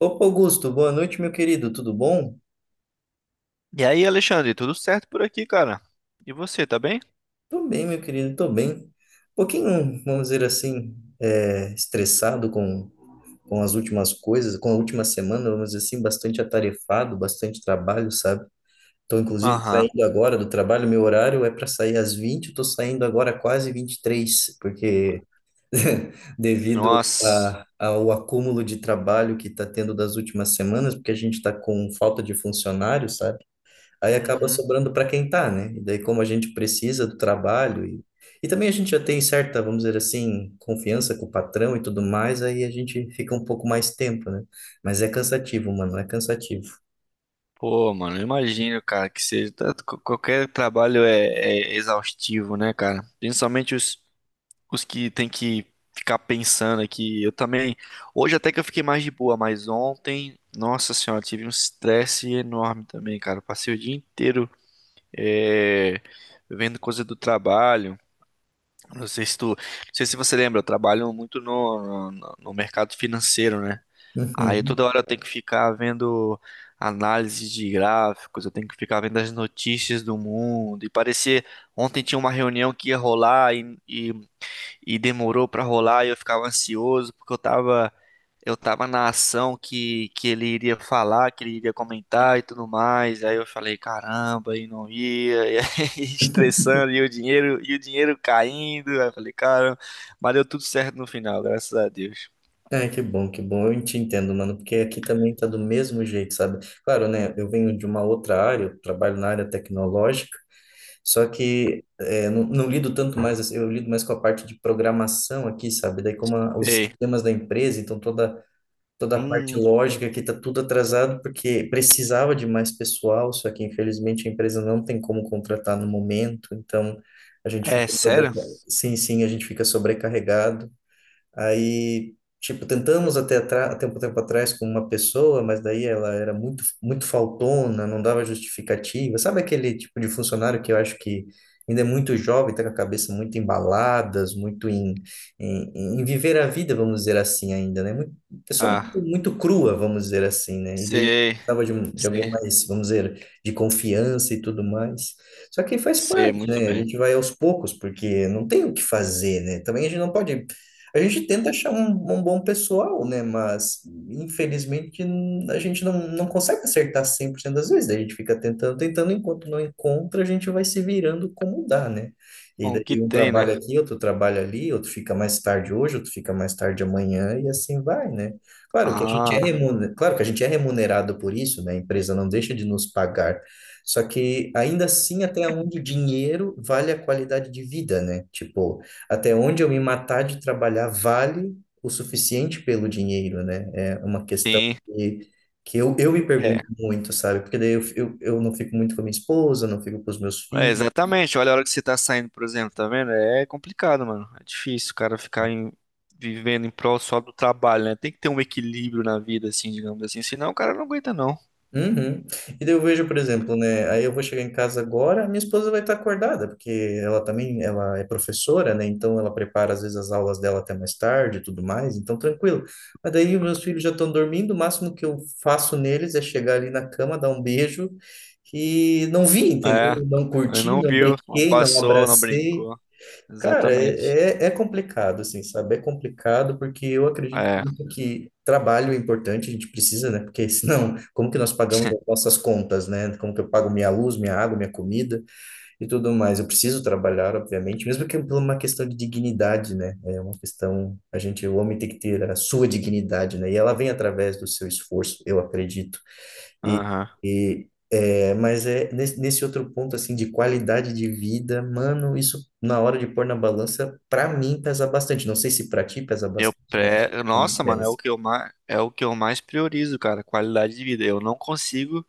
Opa, Augusto, boa noite, meu querido, tudo bom? E aí, Alexandre, tudo certo por aqui, cara? E você, tá bem? Tô bem, meu querido, tô bem. Um pouquinho, vamos dizer assim, estressado com as últimas coisas, com a última semana, vamos dizer assim, bastante atarefado, bastante trabalho, sabe? Tô, inclusive, Aham. saindo agora do trabalho, meu horário é para sair às 20h. Eu tô saindo agora quase 23h, porque devido Nossa. Ao acúmulo de trabalho que está tendo das últimas semanas, porque a gente está com falta de funcionários, sabe? Aí acaba Uhum. sobrando para quem tá, né? E daí, como a gente precisa do trabalho e também a gente já tem certa, vamos dizer assim, confiança com o patrão e tudo mais, aí a gente fica um pouco mais tempo, né? Mas é cansativo, mano, é cansativo. Pô, mano, eu imagino, cara, que seja qualquer trabalho é exaustivo, né, cara? Principalmente os que tem que ficar pensando aqui. Eu também. Hoje até que eu fiquei mais de boa, mas ontem, nossa senhora, tive um estresse enorme também, cara. Eu passei o dia inteiro é, vendo coisa do trabalho. Não sei se tu, não sei se você lembra, eu trabalho muito no mercado financeiro, né? Aí Uhum. toda hora eu tenho que ficar vendo análise de gráficos, eu tenho que ficar vendo as notícias do mundo. E parecia, ontem tinha uma reunião que ia rolar e demorou pra rolar e eu ficava ansioso porque eu tava na ação que ele iria falar, que ele iria comentar e tudo mais. Aí eu falei, caramba, e não ia, e aí estressando e o dinheiro caindo. Aí eu falei, caramba, mas deu tudo certo no final, graças a Deus. Ai, que bom, que bom. Eu te entendo, mano, porque aqui também tá do mesmo jeito, sabe? Claro, né? Eu venho de uma outra área, eu trabalho na área tecnológica. Só que não lido tanto mais, assim, eu lido mais com a parte de programação aqui, sabe? Daí como a- os Ei, sistemas da empresa, então toda a parte hum, lógica que está tudo atrasado porque precisava de mais pessoal, só que infelizmente a empresa não tem como contratar no momento, então a gente é fica sobre... sério? Sim, a gente fica sobrecarregado. Aí, tipo, tentamos até atra- até um tempo atrás com uma pessoa, mas daí ela era muito, muito faltona, não dava justificativa. Sabe aquele tipo de funcionário que eu acho que ainda é muito jovem, tá com a cabeça muito embaladas, muito em viver a vida, vamos dizer assim, ainda, né? Muito, pessoa muito, Ah, muito crua, vamos dizer assim, né? E daí sei, precisava de, um- de alguém sei, mais, vamos dizer, de confiança e tudo mais. Só que faz sei parte, muito né? A bem. gente vai aos poucos, porque não tem o que fazer, né? Também a gente não pode a gente tenta achar um bom pessoal, né? Mas, infelizmente, n- a gente não, não consegue acertar 100% das vezes. Daí a gente fica tentando, tentando, enquanto não encontra, a gente vai se virando como dá, né? E Com o que daí um tem, né? trabalha aqui, outro trabalha ali, outro fica mais tarde hoje, outro fica mais tarde amanhã, e assim vai, né? Claro que a gente é Ah, remunerado, claro que a gente é remunerado por isso, né? A empresa não deixa de nos pagar. Só que ainda assim, até onde o dinheiro vale a qualidade de vida, né? Tipo, até onde eu me matar de trabalhar vale o suficiente pelo dinheiro, né? É uma sim. Que eu me pergunto muito, sabe? Porque daí eu não fico muito com a minha esposa, não fico com os meus É, filhos. exatamente. Olha a hora que você tá saindo, por exemplo, tá vendo? É complicado, mano. É difícil o cara ficar vivendo em prol só do trabalho, né? Tem que ter um equilíbrio na vida, assim, digamos assim. Senão o cara não aguenta, não. Uhum. E daí eu vejo, por exemplo, né? Aí eu vou chegar em casa agora, minha esposa vai estar acordada, porque ela também, ela é professora, né? Então ela prepara às vezes as aulas dela até mais tarde e tudo mais, então tranquilo. Mas daí os meus filhos já estão dormindo, o máximo que eu faço neles é chegar ali na cama, dar um beijo e não vi, É, entendeu? Não ele curti, não não viu, não brinquei, não passou, não abracei. brincou. Cara, Exatamente. É complicado, assim, sabe? É complicado porque eu acredito É, muito que trabalho é importante, a gente precisa, né? Porque senão, como que nós pagamos as nossas contas, né? Como que eu pago minha luz, minha água, minha comida e tudo mais? Eu preciso trabalhar, obviamente, mesmo que por uma questão de dignidade, né? É uma questão, a gente, o homem tem que ter a sua dignidade, né? E ela vem através do seu esforço, eu acredito. E, aham. Mas é nesse outro ponto assim de qualidade de vida, mano, isso na hora de pôr na balança, pra mim pesa bastante. Não sei se pra ti pesa bastante, né? Pra mim Nossa, mano, é o pesa. que eu é o que eu mais priorizo, cara. Qualidade de vida. Eu não consigo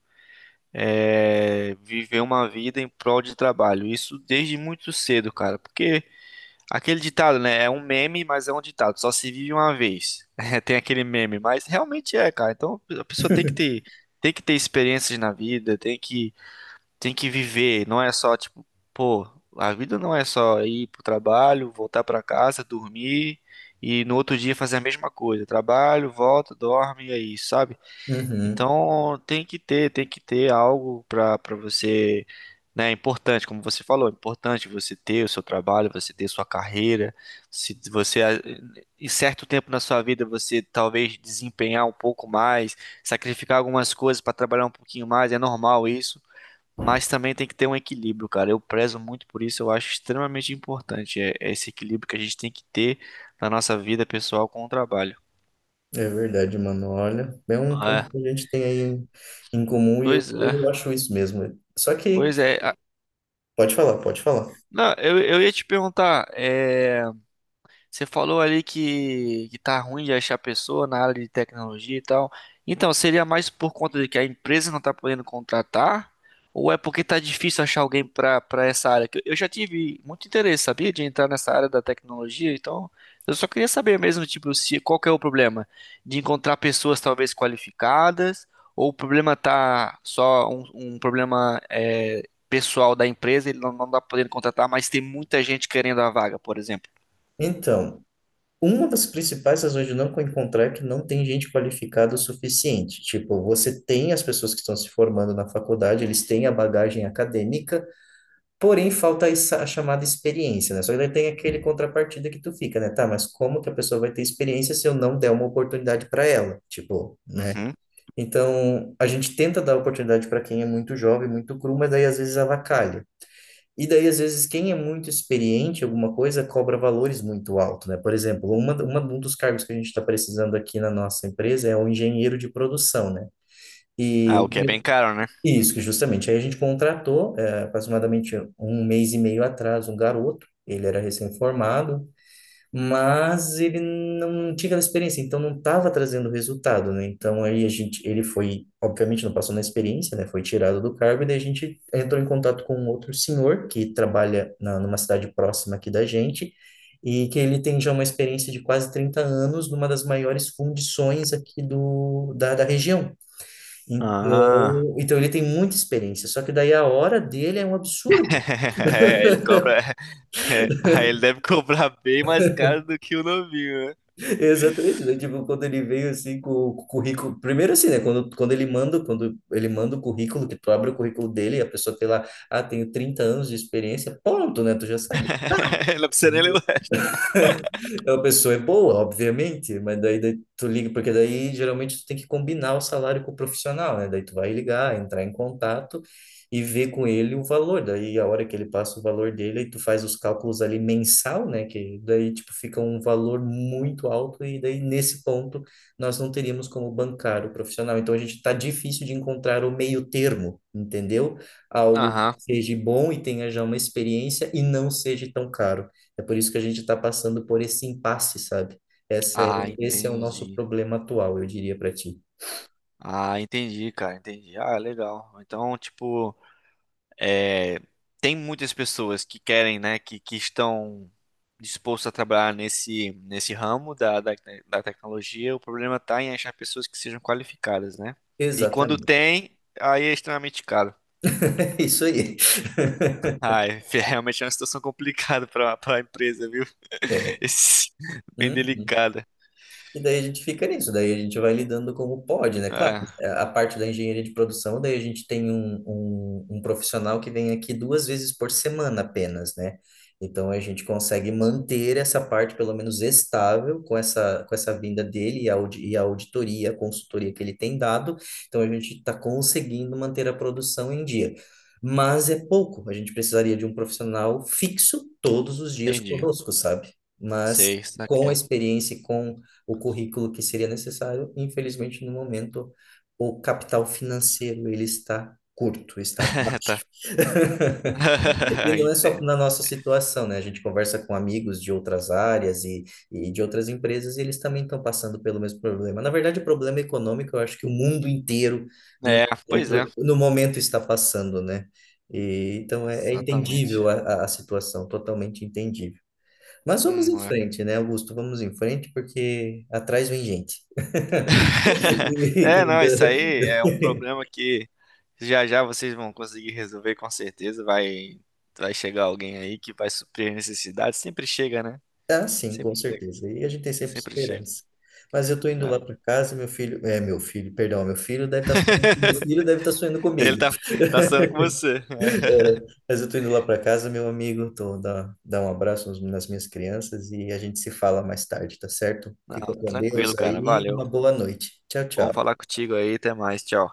viver uma vida em prol de trabalho. Isso desde muito cedo, cara. Porque. Aquele ditado, né? É um meme, mas é um ditado. Só se vive uma vez. É, tem aquele meme, mas realmente é, cara. Então a pessoa tem que ter experiências na vida, tem que viver. Não é só tipo, pô, a vida não é só ir pro trabalho, voltar pra casa, dormir e no outro dia fazer a mesma coisa. Trabalho, volta, dorme, e é isso, sabe? Uhum, Então tem que ter algo para você, né? É importante, como você falou, é importante você ter o seu trabalho, você ter sua carreira. Se você em certo tempo na sua vida você talvez desempenhar um pouco mais, sacrificar algumas coisas para trabalhar um pouquinho mais, é normal isso. Mas também tem que ter um equilíbrio, cara. Eu prezo muito por isso, eu acho extremamente importante é esse equilíbrio que a gente tem que ter na nossa vida pessoal com o trabalho. é verdade, mano. Olha, é um É, ponto que a gente tem em comum e eu, pois é. eu acho isso mesmo. Só que Pois é, pode falar, pode falar. não, eu ia te perguntar, é, você falou ali que tá ruim de achar pessoa na área de tecnologia e tal. Então, seria mais por conta de que a empresa não tá podendo contratar? Ou é porque tá difícil achar alguém pra para essa área? Que eu já tive muito interesse, sabia, de entrar nessa área da tecnologia. Então, eu só queria saber mesmo, tipo, se qual que é o problema de encontrar pessoas talvez qualificadas, ou o problema tá só um problema pessoal da empresa, ele não tá podendo contratar, mas tem muita gente querendo a vaga, por exemplo. Então, uma das principais razões de não encontrar é que não tem gente qualificada o suficiente. Tipo, você tem as pessoas que estão se formando na faculdade, eles têm a bagagem acadêmica, porém falta essa- a chamada experiência, né? Só que daí tem aquele contrapartida que tu fica, né? Tá, mas como que a pessoa vai ter experiência se eu não der uma oportunidade para ela? Tipo, né? Uhum. Então, a gente tenta dar oportunidade para quem é muito jovem, muito cru, mas daí às vezes avacalha. E daí, às vezes, quem é muito experiente em alguma coisa cobra valores muito altos né? Por exemplo, um dos cargos que a gente está precisando aqui na nossa empresa é o engenheiro de produção, né? E Ah, o que é bem caro, né? isso, que justamente. Aí a gente contratou, aproximadamente 1 mês e meio atrás, um garoto, ele era recém-formado, mas ele não tinha aquela experiência, então não estava trazendo resultado, né? Então aí a gente, ele foi, obviamente não passou na experiência, né? Foi tirado do cargo e daí a gente entrou em contato com um outro senhor que trabalha numa cidade próxima aqui da gente e que ele tem já uma experiência de quase 30 anos numa das maiores fundições aqui da região. Ah. Então ele tem muita experiência, só que daí a hora dele é um absurdo. É, ele cobra. É, aí ele deve cobrar bem mais caro do que o novinho, né? Exatamente, né? Tipo, quando ele veio assim com o currículo, primeiro assim, né? Quando quando ele manda o currículo, que tu abre o currículo dele, a pessoa tem lá, ah, tenho 30 anos de experiência, pronto, né? Tu já sabe. Não precisa nem levar. A pessoa é boa, obviamente, mas daí tu liga, porque daí geralmente tu tem que combinar o salário com o profissional, né? Daí tu vai ligar, entrar em contato e ver com ele o valor. Daí a hora que ele passa o valor dele, aí tu faz os cálculos ali mensal, né? Que daí tipo fica um valor muito alto e daí nesse ponto nós não teríamos como bancar o profissional. Então a gente tá difícil de encontrar o meio termo, entendeu? Algo que Aham. seja bom e tenha já uma experiência e não seja tão caro. É por isso que a gente está passando por esse impasse, sabe? Essa é, Ah, esse é o nosso entendi. problema atual, eu diria para ti. Ah, entendi, cara, entendi. Ah, legal. Então, tipo. É, tem muitas pessoas que querem, né, que estão dispostos a trabalhar nesse, nesse ramo da tecnologia. O problema está em achar pessoas que sejam qualificadas, né? E quando Exatamente. tem, aí é extremamente caro. É isso aí. Ah, é, realmente é uma situação complicada para a empresa, viu? Esse- bem Hum? delicada. E daí a gente fica nisso, daí a gente vai lidando como pode, né? Claro, Ah, é, a parte da engenharia de produção, daí a gente tem um profissional que vem aqui 2 vezes por semana apenas, né? Então a gente consegue manter essa parte pelo menos estável com com essa vinda dele e a auditoria, a consultoria que ele tem dado. Então a gente está conseguindo manter a produção em dia. Mas é pouco, a gente precisaria de um profissional fixo todos os dias entendi. conosco, sabe? Mas Sei, isso com a aqui. experiência e com o currículo que seria necessário. Infelizmente, no momento, o capital financeiro ele está curto, está baixo. Tá. E não é só Entendo. na nossa situação, né? A gente conversa com amigos de outras áreas e de outras empresas e eles também estão passando pelo mesmo problema. Na verdade, o problema econômico, eu acho que o mundo inteiro no É, pois é. No momento está passando, né? É entendível Exatamente. A situação, totalmente entendível. Mas vamos em Hum, frente, né, Augusto? Vamos em frente, porque atrás vem gente. é, Quem não, isso dera. aí é um problema que já já vocês vão conseguir resolver com certeza. Vai, vai chegar alguém aí que vai suprir a necessidade. Sempre chega, né? Ah, sim, com Sempre chega, certeza. E a gente tem sempre sempre chega. esperança. Mas eu tô indo lá Ah, para casa, meu filho, perdão, meu filho deve estar sonhando comigo. ele tá, tá sendo com você. É, mas eu tô indo lá para casa, meu amigo, dá um abraço nos- nas minhas crianças e a gente se fala mais tarde, tá certo? Não, Fica com tranquilo, Deus cara. aí, Valeu. uma boa noite. Tchau, Bom tchau. falar contigo aí. Até mais. Tchau.